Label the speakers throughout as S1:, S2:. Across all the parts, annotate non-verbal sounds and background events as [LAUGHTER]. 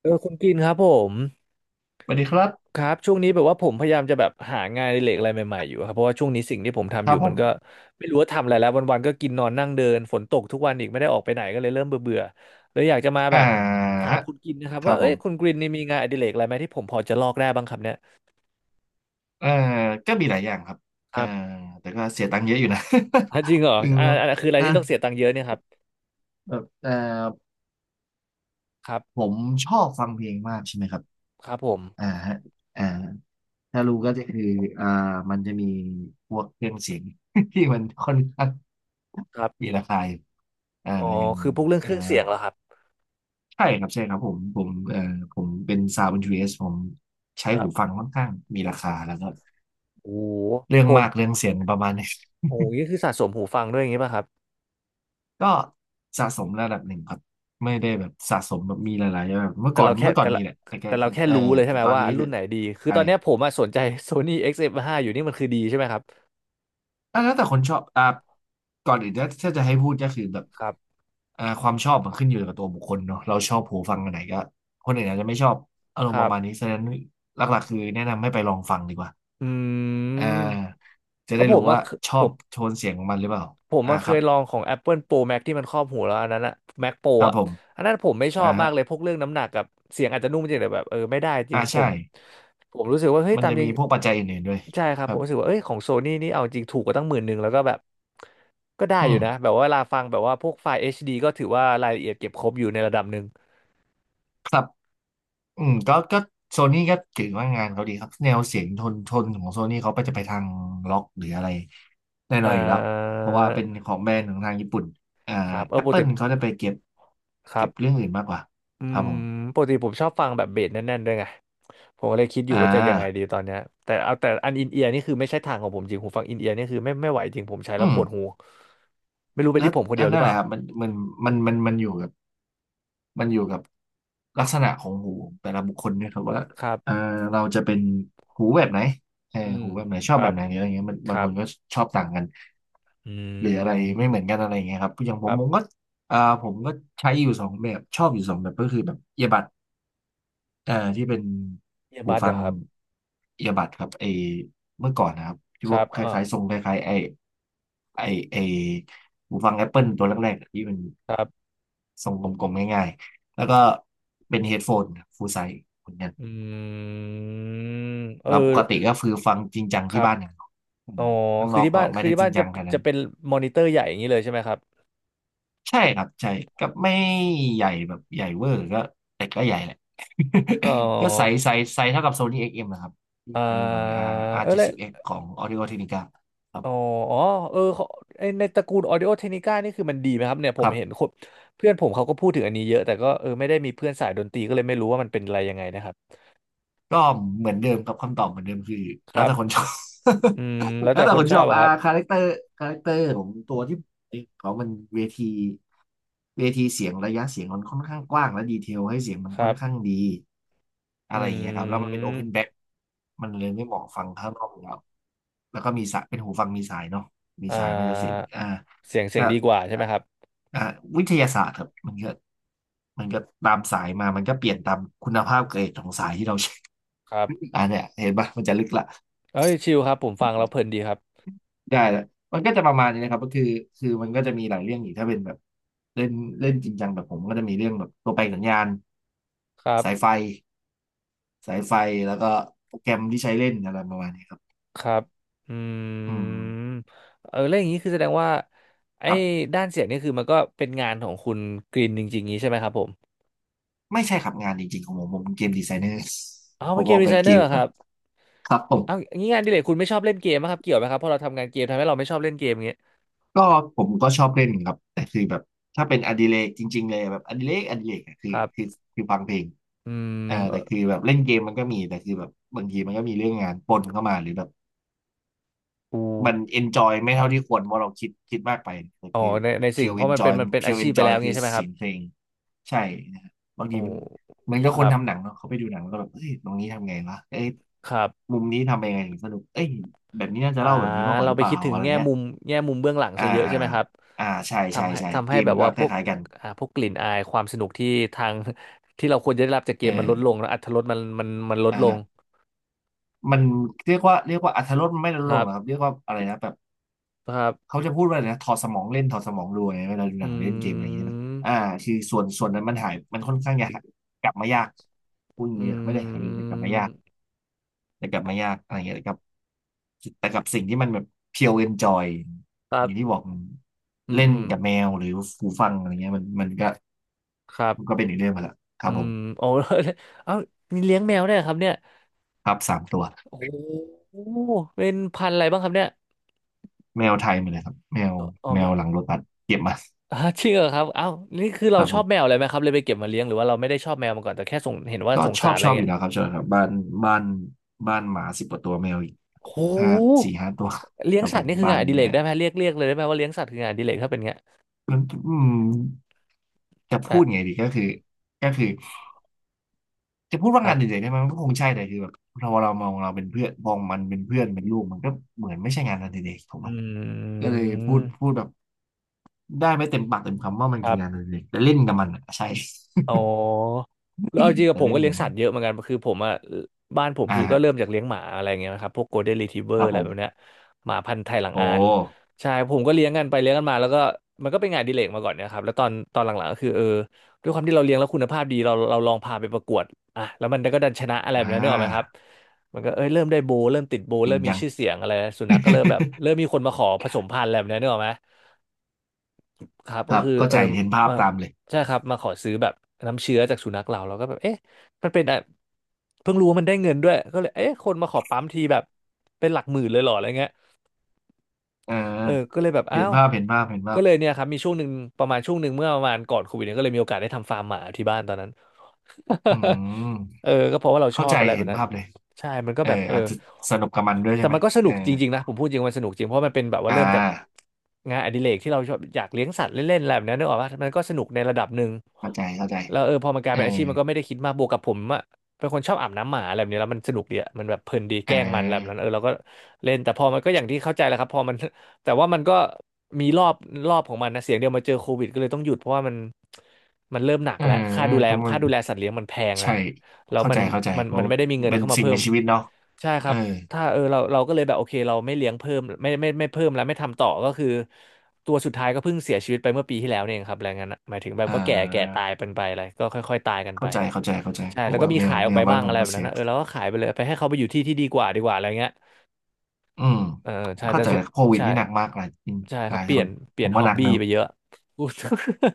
S1: เออคุณกินครับผม
S2: สวัสดีครับ
S1: ครับช่วงนี้แบบว่าผมพยายามจะแบบหางานอดิเรกอะไรใหม่ๆอยู่ครับเพราะว่าช่วงนี้สิ่งที่ผม
S2: ค
S1: ทำอ
S2: รั
S1: ยู่
S2: บผ
S1: มัน
S2: ม
S1: ก็ไม่รู้ว่าทำอะไรแล้ววันๆก็กินนอนนั่งเดินฝนตกทุกวันอีกไม่ได้ออกไปไหนก็เลยเริ่มเบื่อๆเลยอยากจะมา
S2: อ่า
S1: แบบถาม
S2: ฮะ
S1: คุณกินนะครับ
S2: ครั
S1: ว่า
S2: บผ
S1: เอ้ยคุณ
S2: ม
S1: กรีนนี่มีงานอดิเรกอะไรไหมที่ผมพอจะลอกได้บ้างครับเนี่ย
S2: เอ่อก็มีหลายอย่างครับ
S1: ค
S2: เอ่อ
S1: รับ
S2: แต่ก็เสียตังค์เยอะอยู่นะ
S1: อ่ะจริงเหรอ
S2: [LAUGHS] จริงครับ
S1: คืออะไร
S2: อ่า
S1: ที่ต้องเสียตังค์เยอะเนี่ยครับ
S2: แบบเอ่อ
S1: ครับ
S2: ผมชอบฟังเพลงมากใช่ไหมครับ
S1: ครับผม
S2: อ่าฮะอ่าถ้ารู้ก็จะคืออ่ามันจะมีพวกเครื่องเสียง [LAUGHS] ที่มันค่อนข้าง
S1: ครั
S2: มี
S1: บ
S2: ราคาอยู่อ่า
S1: อ๋อ
S2: อย่าง
S1: คือพวกเรื่อง
S2: เอ่
S1: เค
S2: อ
S1: รื่องเสียงเหรอครับ
S2: ใช่ครับใช่ครับผมผมเป็นซาวด์เ n นจิีผมใช้
S1: ครั
S2: หูฟั
S1: บ
S2: งค่อนข้างมีราคาแล้วก็
S1: โอ้โห
S2: เรื่อง
S1: ผม
S2: มากเรื่องเสียงประมาณนี้
S1: โอ้โหนี่คือสะสมหูฟังด้วยอย่างงี้ป่ะครับ
S2: ก็สะสมระดับหนึ่งครับไม่ได้แบบสะสมแบบมีหลายๆแบบเมื่อ
S1: แต่
S2: ก่อน
S1: เราแค่
S2: เมื่อก่อน
S1: แต่
S2: มี
S1: ละ
S2: แหละแต่แก
S1: แต่เรา
S2: คือ
S1: แค่รู้เลยใช่ไหม
S2: ตอน
S1: ว่า
S2: นี้
S1: รุ่
S2: คือ
S1: นไหนดีคื
S2: ใก
S1: อ
S2: ล
S1: ตอนเนี้ยผมอะสนใจ Sony XF5 อกซ์เอฟห้าอยู่นี่มันคือดีใช่ไหมครับ
S2: อ่ะแล้วแต่คนชอบอ่ะก่อนอื่นถ้าจะให้พูดก็คือแบบ
S1: ครับ
S2: ความชอบมันขึ้นอยู่กับตัวบุคคลเนาะเราชอบหูฟังอันไหนก็คนอื่นอาจจะไม่ชอบอาร
S1: ค
S2: มณ์ป
S1: รั
S2: ระมาณ
S1: บ
S2: นี้ฉะนั้นหลักๆคือแนะนำให้ไปลองฟังดีกว่า
S1: อื
S2: อ่
S1: ม
S2: าจะ
S1: เพ
S2: ได้
S1: ราะผ
S2: รู้
S1: มอะ
S2: ว่าช
S1: ผ
S2: อบ
S1: ม
S2: โทนเสียงของมันหรือเปล่า
S1: ผม
S2: อ่า
S1: มาเค
S2: ครั
S1: ย
S2: บ
S1: ลองของ Apple Pro Max ที่มันครอบหูแล้วอันนั้นอะ Mac Pro
S2: ครับ
S1: อะ
S2: ผม
S1: อันนั้นผมไม่ชอ
S2: อ่า
S1: บมา
S2: ฮะ
S1: กเลยพวกเรื่องน้ำหนักกับเสียงอาจจะนุ่มจริงแต่แบบไม่ได้จริ
S2: อ่า
S1: งผ
S2: ใช่
S1: มผมรู้สึกว่าเฮ้ย
S2: มัน
S1: ตาม
S2: จะ
S1: จริ
S2: มี
S1: ง
S2: พวกปัจจัยอื่นๆด้วย
S1: ใช่ครั
S2: ค
S1: บผ
S2: รั
S1: ม
S2: บ
S1: รู้สึกว่าเอ้ยของโซนี่นี่เอาจริงถูกกว่าตั้งหมื่นหนึ่งแล้วก็แบบก็ได้
S2: อื
S1: อยู่
S2: ม
S1: นะแบบว่าเวลาฟังแบบว่าพวกไฟล์ HD ก็ถือว่ารายละเอียดเก็บครบอยู่ในระดับหนึ่ง
S2: ครับอืมก็โซนี่ก็ถือว่างานเขาดีครับ แนวเสียงทนทนของโซนี่เขาไปจะไปทางล็อกหรืออะไรแน่น
S1: อ่
S2: อนอยู่แล้ว
S1: า
S2: เพราะว่าเป็นของแบรนด์ของทางญี่ปุ่นอ่า
S1: ครับ
S2: แอป
S1: ปก
S2: เปิ
S1: ติ
S2: ลเขาจะไปเก็บ
S1: ครั
S2: เก็บ
S1: บ
S2: เรื่องอื่นมากกว่า
S1: อื
S2: ครับ
S1: ม
S2: ผม
S1: ปกติผมชอบฟังแบบเบสแน่นๆด้วยไง ผมก็เลยคิดอยู่
S2: อ่
S1: ว่าจะยังไง
S2: า
S1: ดีตอนเนี้ยแต่เอาแต่อันอินเอียร์นี่คือไม่ใช่ทางของผมจริงหูฟังอินเอียร์นี่คือไม่ไหวจริงผมใช้
S2: อื
S1: แล้ว
S2: ม
S1: ปวดหูไม่รู้เป็น
S2: แล้ว
S1: ที่ผมคนเดี
S2: อั
S1: ย
S2: น
S1: วหรือ
S2: นั้น
S1: เป
S2: แห
S1: ล่า
S2: ละครับมันอยู่กับมันอยู่กับลักษณะของหูแต่ละบุคคลเนี่ยครับว่า
S1: ครั
S2: เออ
S1: บ
S2: เราจะเป็นหูแบบไหน
S1: อืม
S2: หูแบบไหนช
S1: ค
S2: อบแบ
S1: รับ
S2: บไหนหรืออะไรเงี้ยมัน
S1: ค
S2: บาง
S1: รั
S2: ค
S1: บ
S2: นก็ชอบต่างกัน
S1: อื
S2: หรืออะไรไม่เหมือน
S1: ม
S2: กันอะไรอย่างเงี้ยครับอย่างผ
S1: ค
S2: ม
S1: รั
S2: ผม
S1: บ
S2: ก็อ่าผมก็ใช้อยู่สองแบบชอบอยู่สองแบบก็คือแบบเอียบัดที่เป็น
S1: เอีย
S2: หู
S1: บัดเหร
S2: ฟั
S1: อ
S2: ง
S1: ครับ
S2: เอียบัดครับเมื่อก่อนนะครับที่
S1: ค
S2: ว่า
S1: รับ
S2: ค
S1: อ่า
S2: ล้ายๆทรงคล้ายๆไอไอไอหูฟัง Apple ตัวแรกๆอะที่มัน
S1: ครับ
S2: ทรงกลมๆง่ายๆแล้วก็เป็นเฮดโฟนฟูลไซส์เหมือนกัน
S1: อืม
S2: แล้วปกติก็คือฟังจริงจัง
S1: ครั
S2: ที่
S1: บ
S2: บ้านอย่างเดียวอื
S1: อ๋อ
S2: มข้าง
S1: คื
S2: น
S1: อ
S2: อก
S1: ที่
S2: ก็
S1: บ้าน
S2: ไม่
S1: คือ
S2: ได้
S1: ที่
S2: จริ
S1: บ้า
S2: ง
S1: นจะ
S2: จังขนาดนั้
S1: จะ
S2: น
S1: เป็นมอนิเตอร์ใหญ่อย่างนี้เลยใช่ไหมครับ
S2: ใช่ครับใช่ก็ไม่ใหญ่แบบใหญ่เวอร์ก็แต่ก็ใหญ่แหละ
S1: อ๋อ
S2: [LAUGHS] ก็ใสใสใสเท่ากับโซนี่เอ็กซ์เอ็มนะครับที่
S1: อ่
S2: ใช้อยู่ตอน
S1: า
S2: นี้ R ์อา
S1: เอ
S2: ร์
S1: อ
S2: เจ็ด
S1: แล้ว
S2: สิบเอ็กซ์ของ Audio Technica ครับ
S1: อ๋ออ๋อเออเขาไอ้ในตระกูล Audio Technica นี่คือมันดีไหมครับเนี่ยผ
S2: ค
S1: ม
S2: รั
S1: เห็น
S2: บ
S1: คนเพื่อนผมเขาก็พูดถึงอันนี้เยอะแต่ก็ไม่ได้มีเพื่อนสายดนตรีก็เลยไม่รู้ว่ามันเป็นอะไรยังไงนะครับ
S2: ก็เหมือนเดิมครับคำตอบเหมือนเดิมคือ
S1: ค
S2: แล้ว
S1: รั
S2: แต่คนช
S1: บ
S2: อบ
S1: อืมแล้
S2: [LAUGHS]
S1: ว
S2: แล้
S1: แต่
S2: วแต่
S1: ค
S2: ค
S1: น
S2: น
S1: ช
S2: ช
S1: อ
S2: อ
S1: บ
S2: บ
S1: อะ
S2: อ่า
S1: ครับ
S2: คาแรคเตอร์คาแรคเตอร์ของตัวที่เขามันเวทีเวทีเสียงระยะเสียงมันค่อนข้างกว้างและดีเทลให้เสียงมัน
S1: ค
S2: ค่
S1: รั
S2: อน
S1: บ
S2: ข้างดีอะ
S1: อื
S2: ไรอย่างเงี้ยครับแล้วมันเป็นโอเพนแบ็
S1: ม
S2: คมันเลยไม่เหมาะฟังข้างนอกอยู่แล้วแล้วก็มีสายเป็นหูฟังมีสายเนาะมี
S1: อ่
S2: สายมันจะเสียง
S1: า
S2: อ่า
S1: เสียงเสียง
S2: ถ้า
S1: ดีกว่าใช่ไหมครับ
S2: อ่าวิทยาศาสตร์ครับมันก็ตามสายมามันก็เปลี่ยนตามคุณภาพเกรดของสายที่เราใช้
S1: ครับ
S2: อ่าเนี่ยเห็นปะมันจะลึกละ
S1: เอ้ยชิลครับผมฟังแล้วเพลินดีครับ
S2: ได้ละมันก็จะประมาณนี้นะครับก็คือคือมันก็จะมีหลายเรื่องอีกถ้าเป็นแบบเล่นเล่นจริงจังแบบผมก็จะมีเรื่องแบบตัวแปลสัญญาณ
S1: ครั
S2: สายไฟ
S1: บ
S2: สายไฟแล้วก็โปรแกรมที่ใช้เล่นอะไรประมาณนี้ครับ
S1: ครับอื
S2: อืม
S1: มแล้วอย่างนี้คือแสดงว่าไอ้
S2: ครับ
S1: ด้านเสียงนี่คือมันก็เป็นงานของคุณกรีนจริงๆงี้ใช่ไหมครับผม
S2: ไม่ใช่ครับงานจริงๆของผมผมเป็นเกมดีไซเนอร์
S1: เอา
S2: [LAUGHS] ผ
S1: เป็น
S2: ม
S1: เก
S2: อ
S1: ม
S2: อก
S1: ดี
S2: แบ
S1: ไซ
S2: บ
S1: เน
S2: เก
S1: อ
S2: ม
S1: ร์
S2: ค
S1: ค
S2: รั
S1: รั
S2: บ
S1: บ
S2: ครับผ
S1: เอา
S2: ม
S1: งี้งานอดิเรกคุณไม่ชอบเล่นเกมไหมครับเกี่ยวไหมครับเพราะเราทำงานเกมทำให้เราไม่ชอบเล่นเกมอย่างเงี้ย
S2: ก็ผมก็ชอบเล่นครับแต่คือแบบถ้าเป็นอดิเรกจริงๆเลยแบบอดิเรกอดิเรกอะคือ
S1: ครับ
S2: คือคือฟังเพลง
S1: อื
S2: เออ
S1: มเออ
S2: แต่คือแบบเล่นเกมมันก็มีแต่คือแบบบางทีมันก็มีเรื่องงานปนเข้ามาหรือแบบ
S1: อู
S2: มันเอนจอยไม่เท่าที่ควรเพราะเราคิดมากไปแต่
S1: อ๋อ
S2: คือ
S1: ในในสิ่
S2: เพี
S1: ง
S2: ยว
S1: เพ
S2: เอ
S1: ราะ
S2: นจอย
S1: มันเป็น
S2: เพี
S1: อา
S2: ยวเอ
S1: ชี
S2: น
S1: พไป
S2: จอ
S1: แล้
S2: ย
S1: ว
S2: คือ
S1: งี้ใช่ไหมค
S2: เสี
S1: รับ
S2: ยงเพลงใช่นะฮะบาง
S1: โอ้
S2: ทีมันเหมือนกับ
S1: ค
S2: คน
S1: รับ
S2: ทำหนังเนาะเขาไปดูหนังแล้วก็แบบเอ้ยตรงนี้ทำไงวะเอ้ย
S1: ครับ
S2: มุมนี้ทำยังไงถึงสนุกเอ้ยแบบนี้น่าจะ
S1: อ่า
S2: เล่าแบบนี้มากกว่า
S1: เรา
S2: หรือ
S1: ไป
S2: เปล่า
S1: คิดถึง
S2: อะไร
S1: แง่
S2: เงี้ย
S1: มุมเบื้องหลัง
S2: อ่า
S1: ซะเยอะ
S2: อ่า
S1: ใช่ไหมครับ
S2: อ่าใช่ใช่ใช่
S1: ทำ
S2: เก
S1: ให้
S2: ม
S1: แบบ
S2: ก็
S1: ว่า
S2: ค
S1: พวก
S2: ล้ายๆกัน
S1: อ่าพวกกลิ่นอายความสนุกที่ทาง [LAUGHS] ที่เราควรจะได้รับจากเก
S2: เอ
S1: มมันลดลง
S2: อ
S1: แล้วอรรถรสมันลดลง
S2: อ่ามันเรียกว่าอรรถรสมันไม่ลด
S1: ค
S2: ลง
S1: รั
S2: ห
S1: บ
S2: รอกครับเรียกว่าอะไรนะแบบ
S1: ครับ
S2: เขาจะพูดว่าอะไรนะถอดสมองเล่นถอดสมองดูไงเวลาดูห
S1: อื
S2: นังเล่นเกมอะไรอย่างเงี้ยใช่ไหม
S1: ม
S2: อ่าคือส่วนนั้นมันหายมันค่อนข้างยากกลับมายากพูดอย่าง
S1: อื
S2: นี้ไม่ได้หายไปเลยแต่กลับมา
S1: ม
S2: ยากแต่กลับมายากอะไรเงี้ยแต่กับแต่กับสิ่งที่มันแบบเพียวเอนจอย
S1: ครั
S2: อย่างที่
S1: บ
S2: บอก
S1: อืม
S2: เล่น
S1: อืม
S2: กับแมวหรือหูฟังอะไรเงี้ยมันก็
S1: ครั
S2: มันก็
S1: บ
S2: เป็นอีกเรื่องไปละครั
S1: อื
S2: บผ
S1: ม
S2: ม
S1: โอ้ [LAUGHS] เอ้า [LAUGHS] มีเลี้ยงแมวได้วยเหรอครับเนี่ย
S2: ครับสามตัว
S1: โอ้โหเป็นพันธุ์อะไรบ้างครับเนี่ย
S2: แมวไทยมาเลยครับแมว
S1: อ๋อ
S2: แม
S1: ไม่
S2: วหลังรถบัสเก็บมา
S1: อ่า [LAUGHS] จริงเหรอครับเอ้านี่คือ
S2: ค
S1: เรา
S2: รับ
S1: ช
S2: ผ
S1: อบแมว
S2: ม
S1: เลยไหมครับเลยไปเก็บมาเลี้ยงหรือว่าเราไม่ได้ชอบแมวมาก่อนแต่แค่สงเห็นว่า
S2: ก็
S1: สง
S2: ชอ
S1: สาร
S2: บ
S1: อะ
S2: ช
S1: ไร
S2: อบอ
S1: เงี้
S2: ยู่
S1: ย
S2: แล้วครับชอบครับบ้านบ้านหมาสิบกว่าตัวแมวอีก
S1: โอ้โห
S2: ห้าสี่ห้าตัว
S1: เลี้
S2: ค
S1: ยง
S2: รับ
S1: สั
S2: ผ
S1: ตว์
S2: ม
S1: นี่คือ
S2: บั
S1: งาน
S2: น
S1: อดิเร
S2: เนี่
S1: ก
S2: ย
S1: ได้ไหมเรียกเลยได้ไหมว่าเลี้ยงสัตว์คืองานอดิเรกถ้าเป็นเงี้ย
S2: มันอืมจะพูด
S1: อ่ะ
S2: ไงดีก็คือก็คือจะพูดว่า
S1: ครั
S2: งาน
S1: บ
S2: เด่นๆได้ไหมมันก็คงใช่แต่คือแบบเรามองเราเป็นเพื่อนมองมันเป็นเพื่อนเป็นลูกมันก็เหมือนไม่ใช่งานอดิเรกถูก
S1: อ
S2: ไหม
S1: ื
S2: ก็เลยพูดพู
S1: ม
S2: ดแบบได้ไม่เต็มปากเต็มคำว่ามัน
S1: ค
S2: คื
S1: รั
S2: องานอ
S1: บ
S2: ดิเรกแต่เล่นกับมันอะใช่
S1: อ๋อแล้วเอาจริง
S2: [LAUGHS]
S1: กับ
S2: แต่
S1: ผม
S2: เล่
S1: ก็
S2: น
S1: เลี้
S2: กั
S1: ยง
S2: บ
S1: สั
S2: มั
S1: ต
S2: น
S1: ว์เยอะเหมือนกันคือผมอ่ะบ้านผมคือก็เริ่ม
S2: อ่า
S1: จากเลี้ยงหมาอะไรเงี้ยนะครับพวกโกลเด้นรีทรีเวอ
S2: ค
S1: ร์
S2: รับ
S1: อะ
S2: ผ
S1: ไรแบบเนี้
S2: ม
S1: ยหมาพันธุ์ไทยหลัง
S2: โอ้
S1: อานใช่ผมก็เลี้ยงกันไปเลี้ยงกันมาแล้วก็มันก็เป็นงานอดิเลกมาก่อนเนะครับแล้วตอนหลังๆก็คือด้วยความที่เราเลี้ยงแล้วคุณภาพดีเราลองพาไปประกวดอ่ะแล้วมันก็ดันชนะอะไรแบ
S2: อ่
S1: บนั้นนึกออกไหมครับ
S2: า
S1: มันก็เอ้ยเริ่มได้โบว์เริ่มติดโบว์
S2: จริ
S1: เริ่
S2: ง
S1: มมี
S2: จัง
S1: ชื่อเสียงอะไรสุนัขก็เริ่มแบบเริ่มมีคนมาขอผสมพันธุ์อะไรแบบนี้นึกออกไหม ครับ
S2: [LAUGHS] ค
S1: ก็
S2: รับ
S1: คือ
S2: เข้าใจเห็นภาพ
S1: มา
S2: ตามเลย
S1: ใช่ครับมาขอซื้อแบบน้ำเชื้อจากสุนัขเราก็แบบเอ๊ะมันเป็นอะเพิ่งรู้ว่ามันได้เงินด้วยก็เลยเอ๊ะคนมาขอปั๊มทีแบบเป็นหลักหมื่นเลยเหรออะไรเงี้ย
S2: เออ
S1: เออก็เลยแบบอ้า
S2: เห็น
S1: ว
S2: ภาพเห็นภาพเห็นภา
S1: ก็
S2: พ
S1: เลยเนี่ยครับมีช่วงหนึ่งประมาณช่วงหนึ่งเมื่อประมาณก่อนโควิดเนี่ยก็เลยมีโอกาสได้ทำฟาร์มหมาที่บ้านตอนนั้น
S2: อื
S1: [LAUGHS] เอ
S2: ม
S1: อก็เพราะว่าเราช
S2: เข้า
S1: อ
S2: ใจ
S1: บอะไรแบ
S2: เห็
S1: บ
S2: น
S1: นั้น
S2: ภาพเลย
S1: ใช่มันก็
S2: เออ
S1: แบบเออ
S2: อาจจะสนุกกับมันด้วยใช่
S1: แต่
S2: ไหม
S1: มันก็สนุ
S2: เออ
S1: กจริงๆนะผมพูดจริงมันสนุกจริงเพราะมันเป็นแบบว่า
S2: อ่
S1: เริ่มจาก
S2: า
S1: งานอดิเรกที่เราชอบอยากเลี้ยงสัตว์เล่นๆอะไรแบบนั้นนึกออกปะมันก็สนุกในระดับหนึ่ง
S2: เข้าใจเข้าใจ
S1: แล้วเออพอมันกลาย
S2: เออ
S1: เป็นอาชีพมันก็ไม่ได้คิดมากบวกกับผมอะเป็นคนชอบอาบน้ำหมาอะไรแบบนี้แล้วมันสนุกดีอะมันแบบเพลินดีแก
S2: อ่
S1: ล้งมันอะไรแบบนั้
S2: า
S1: นเออเราก็เล่นแต่พอมันก็อย่างที่เข้าใจแหละครับพอมัน แต่ว่ามันก็มีรอบของมันนะเสียงเดียวมาเจอโควิดก็เลยต้องหยุดเพราะว่ามันเริ่มหนัก
S2: เออ
S1: แล้ว
S2: ทุกมัน
S1: ค่าดูแลสัตว์เลี้ยงมันแพง
S2: ใช่
S1: นะแล้ว
S2: เข้า
S1: มัน
S2: ใจเข้าใจ
S1: มัน
S2: เพราะ
S1: มันไม่ได้มีเงิน
S2: เป็น
S1: เข้ามา
S2: สิ่ง
S1: เพิ่
S2: มี
S1: ม
S2: ชีวิตเนาะ
S1: ใช่ค
S2: เอ
S1: รั
S2: อ
S1: บถ้าเออเราก็เลยแบบโอเคเราไม่เลี้ยงเพิ่มไม่เพิ่มแล้วไม่ทำต่อก็คือตัวสุดท้ายก็เพิ่งเสียชีวิตไปเมื่อปีที่แล้วเนี่ยเองครับอะไรงั้นนะหมายถึงแบบ
S2: อ่
S1: ก็แก่
S2: า
S1: ตายเป็นไปอะไรก็ค่อยๆตายกันไป
S2: เข้าใจเข้าใจเข้าใจ
S1: ใช่
S2: เพ
S1: แล้
S2: ราะ
S1: วก็
S2: ว่า
S1: มี
S2: แมว
S1: ขายอ
S2: แม
S1: อกไป
S2: วบ้า
S1: บ้า
S2: น
S1: ง
S2: ผ
S1: อะ
S2: ม
S1: ไร
S2: ก็
S1: แบบ
S2: เสี
S1: นั้น
S2: ย
S1: นะเออเราก็ขายไปเลยไปให้เขาไปอยู่ที่ที่ดีกว่าอะไรเงี้ย
S2: อืม
S1: เออใช่
S2: เข้า
S1: แต่
S2: ใจ
S1: ส่วน
S2: โควิด
S1: ใช่
S2: นี่หนักมากหลายอืม
S1: ใช่
S2: ห
S1: ครั
S2: ลา
S1: บ
S2: ย
S1: เปลี่
S2: ค
S1: ยน
S2: นผม
S1: ฮ
S2: ก็
S1: อ
S2: ห
S1: บ
S2: นัก
S1: บี้
S2: เนอะ
S1: ไปเยอะพูด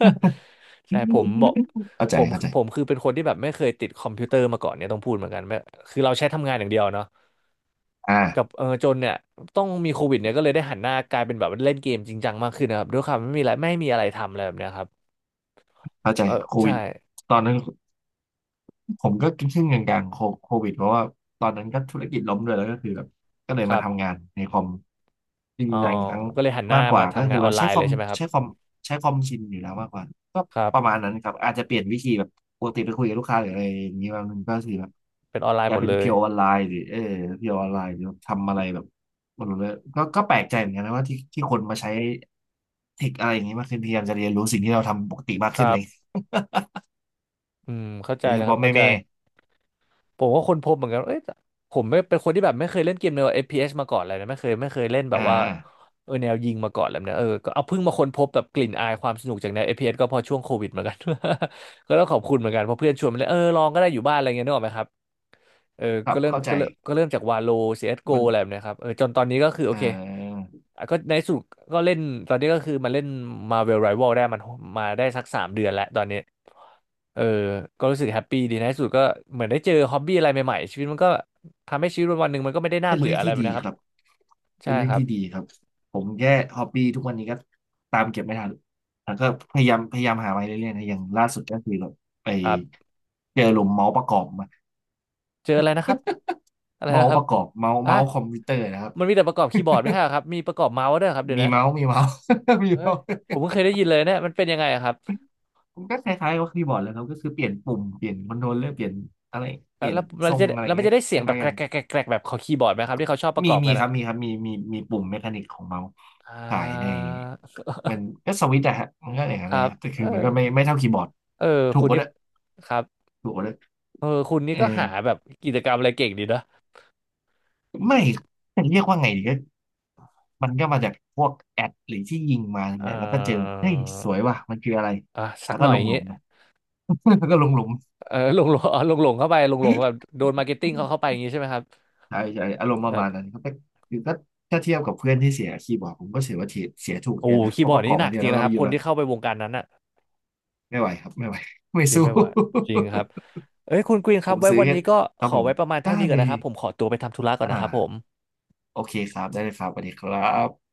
S1: [LAUGHS] ใช่ผมบอก
S2: เข้า
S1: ผ
S2: ใจ
S1: ม
S2: เข้าใจ
S1: คือเป็นคนที่แบบไม่เคยติดคอมพิวเตอร์มาก่อนเนี่ยต้องพูดเหมือนกันไม่คือเราใช้ทำงานอย่างเดียวเนาะกับ
S2: อ่า
S1: เออจนเนี่ยต้องมีโควิดเนี่ยก็เลยได้หันหน้ากลายเป็นแบบเล่นเกมจริงจังมากขึ้นนะครับด้วยความไม่มีอะไรทำอะไรแบบเนี้ยครับ
S2: เข้าใจ
S1: เออ
S2: โควิ
S1: ใช่
S2: ดตอนนั้น ผมก็ครึ่งๆกลางๆโคโควิดเพราะว่าตอนนั้นก็ธุรกิจล้มด้วยแล้วก็คือแบบก็เลย
S1: ครั
S2: มาทำงา
S1: บ
S2: นในคอมจ
S1: อ๋อ
S2: ริงๆหลายครั้ง
S1: ก็เลยหันหน้า
S2: มากกว่า
S1: มา
S2: ก็
S1: ทำ
S2: คื
S1: งาน
S2: อ
S1: อ
S2: แบ
S1: อ
S2: บ
S1: นไล
S2: ใช้
S1: น์
S2: ค
S1: เล
S2: อ
S1: ย
S2: ม
S1: ใช่ไหมครับ
S2: ใช้คอมใช้คอมชินอยู่แล้วมากกว่าก็
S1: ครั
S2: ประ
S1: บ
S2: มาณนั้นครับอาจจะเปลี่ยนวิธีแบบปกติไปคุยกับลูกค้าหรืออะไรอย่างนี้มันก็คือแบบ
S1: เป็นออนไล
S2: ก
S1: น์ห
S2: ลา
S1: ม
S2: ย
S1: ด
S2: เป็น
S1: เลย
S2: เพียวออนไลน์หรือเออเพียวออนไลน์หรือทำอะไรแบบหมดเลยก็ก็แปลกใจเหมือนกันนะว่าที่ที่คนมาใช้เทคอะไรอย่างนี้มากขึ้นพยายามจะเรียนรู้สิ่งที่เราทำปกติมาก
S1: ค
S2: ขึ้น
S1: รั
S2: เล
S1: บ
S2: ย
S1: อืมเข้าใจ
S2: โดยเฉ
S1: แล้วครั
S2: พาะ
S1: บ
S2: แม่
S1: เข้าใจ
S2: แม่
S1: ผมก็ค้นพบเหมือนกันว่าเอ้ยผมไม่เป็นคนที่แบบไม่เคยเล่นเกมแนว FPS มาก่อนเลยนะไม่เคยเล่นแบบ
S2: อ่า
S1: ว่าเออแนวยิงมาก่อนเลยนะเออก็เอาเพิ่งมาค้นพบแบบกลิ่นอายความสนุกจากแนว FPS ก็พอช่วงโควิดเหมือนกัน [LAUGHS] ก็ต้องขอบคุณเหมือนกันเพราะเพื่อนชวนมาเล่นเออลองก็ได้อยู่บ้านอะไรเงี้ยนึกออกไหมครับ เออ
S2: ครับเข้าใจ
S1: ก็เริ่มจากวาโล CSGO อ
S2: มั
S1: ส
S2: น
S1: โกอะไรแบบเนี้ยครับเออจนตอนนี้ก็คือโอ
S2: อ่
S1: เค
S2: า
S1: อ่ะก็ในที่สุดก็เล่นตอนนี้ก็คือมาเล่น Marvel Rival ได้มันมาได้สัก3 เดือนแล้วตอนนี้เออก็รู้สึกแฮปปี้ดีในที่สุดก็เหมือนได้เจอฮอบบี้อะไรใหม่ๆชีวิตมันก็ทำให้ชีวิตวันหนึ่งมันก็ไม่ได้น่า
S2: เป็น
S1: เบื่
S2: เรื่
S1: อ
S2: อง
S1: อะไร
S2: ที่
S1: แบบ
S2: ดี
S1: นะค
S2: ค
S1: รับ
S2: รับเป็
S1: ใช่
S2: นเรื่อ
S1: ค
S2: ง
S1: รั
S2: ที่ดี
S1: บ
S2: ครับผมแค่ฮอบบี้ทุกวันนี้ก็ตามเก็บไม่ทันแล้วก็พยายามหามาเรื่อยๆนะอย่างล่าสุดก็คือแบบไป
S1: ครับ
S2: เจอหลุมเมาส์ประกอบมา
S1: เจออะไรนะครับอะไร
S2: เมา
S1: นะ
S2: ส์
S1: ค
S2: ป
S1: รับ
S2: ระกอบเมาส์
S1: อ่ะ
S2: เมาส์คอมพิวเตอร์นะครับ
S1: มันมีแต่ประกอบคีย์บอร์ดไม่ใช่เหรอครับมีประกอบเมาส์ด้วยเหรอครับเดี๋ยว
S2: มี
S1: นะ
S2: เมาส์มีเมาส์ [LAUGHS] มี
S1: เฮ้ย
S2: เมาส์
S1: ผมเพิ่งเคยได้ยินเลยเนยมันเป็นยังไงอะครับ
S2: มันก็คล้ายๆกับคีย์บอร์ดเลยครับก็คือเปลี่ยนปุ่มเปลี่ยนคอนโทรลเลอร์เปลี่ยนอะไรเปลี่ยนทรงอะไร
S1: แล้วมัน
S2: เงี้ย
S1: จะได้เสี
S2: ค
S1: ยงแบ
S2: ล้า
S1: บ
S2: ยๆ
S1: แก
S2: กั
S1: ร
S2: น
S1: กแกรกแกรกแกรกแบบของคีย์บอร์ดไหมครับที่เขาชอบประ
S2: มี
S1: กอบ
S2: มี
S1: กัน
S2: ค
S1: อะ
S2: รับมีครับมีปุ่มเมคานิกของเมาส์
S1: อ่
S2: ขายใน
S1: า
S2: มันก็สวิตช์อะฮะมันก็อย่าง
S1: ค
S2: นั้น
S1: รั
S2: เละ
S1: บ
S2: ครับแต่คื
S1: เอ
S2: อมันก็ไม่
S1: อ
S2: ไม่เท่าคีย์บอร์ด
S1: เออ
S2: ถู
S1: คุ
S2: ก
S1: ณ
S2: กว่า
S1: นี่
S2: ด้วย
S1: ครับ
S2: ถูกกว่าด้วย
S1: เออคุณนี่
S2: เออ
S1: ก็หาแบบกิจกรรมอะไรเก่งดีเนอะ
S2: ไม่จะเรียกว่าไงดีก็มันก็มาจากพวกแอดหรือที่ยิงมา
S1: เอ
S2: เนี่ยแล้วก็เจอ
S1: อ
S2: เฮ้ยสวยว่ะมันคืออะไร
S1: อ่ะสั
S2: แล้
S1: ก
S2: ว
S1: ห
S2: ก็
S1: น่อย
S2: ล
S1: อ
S2: ง
S1: ย่าง
S2: หลุ
S1: งี้
S2: มไป [LAUGHS] แล้วก็ลงหลุม
S1: เออหลงหลงอ๋อหลงหลงเข้าไปหลงหลงแบ
S2: ใช
S1: บโดนมาร์เก็ตติ้งเขาเข้าไปอย่างงี้ใช่ไหมครับ
S2: ่ใช่อารมณ์ป
S1: แบ
S2: ระมา
S1: บ
S2: ณนั้นครับแต่คือก็ถ้าเทียบกับเพื่อนที่เสียคีย์บอร์ดผมก็เสียว่าเสียถูก
S1: โอ้
S2: เยอะ
S1: โห
S2: นะ
S1: คี
S2: เพ
S1: ย์บ
S2: ราะ
S1: อ
S2: ป
S1: ร์ด
S2: ระก
S1: นี่
S2: อบ
S1: หนั
S2: มา
S1: ก
S2: เดีย
S1: จ
S2: ว
S1: ริง
S2: แล้ว
S1: นะ
S2: ก็
S1: ค
S2: ไป
S1: รับ
S2: อ
S1: ค
S2: ยู่
S1: น
S2: แล้ว
S1: ที่เข้าไปวงการนั้นอะ
S2: ไม่ไหวครับไม่ไหว [LAUGHS] ไม่
S1: คิด
S2: สู้
S1: ไม่ไหวจริงครับเอ้ยคุณกรีนค
S2: ผ
S1: รับ
S2: ม
S1: ไว้
S2: ซื้อ
S1: วันนี้ก็
S2: ค
S1: ข
S2: รับ
S1: อ
S2: ผม
S1: ไว้ประมาณ
S2: ได้
S1: เท่านี้ก่อ
S2: เล
S1: นนะ
S2: ย
S1: ครับผมขอตัวไปทำธุระก่อน
S2: อ่า
S1: นะครับผม
S2: โอเคครับได้เลยครับสวัสดีครับ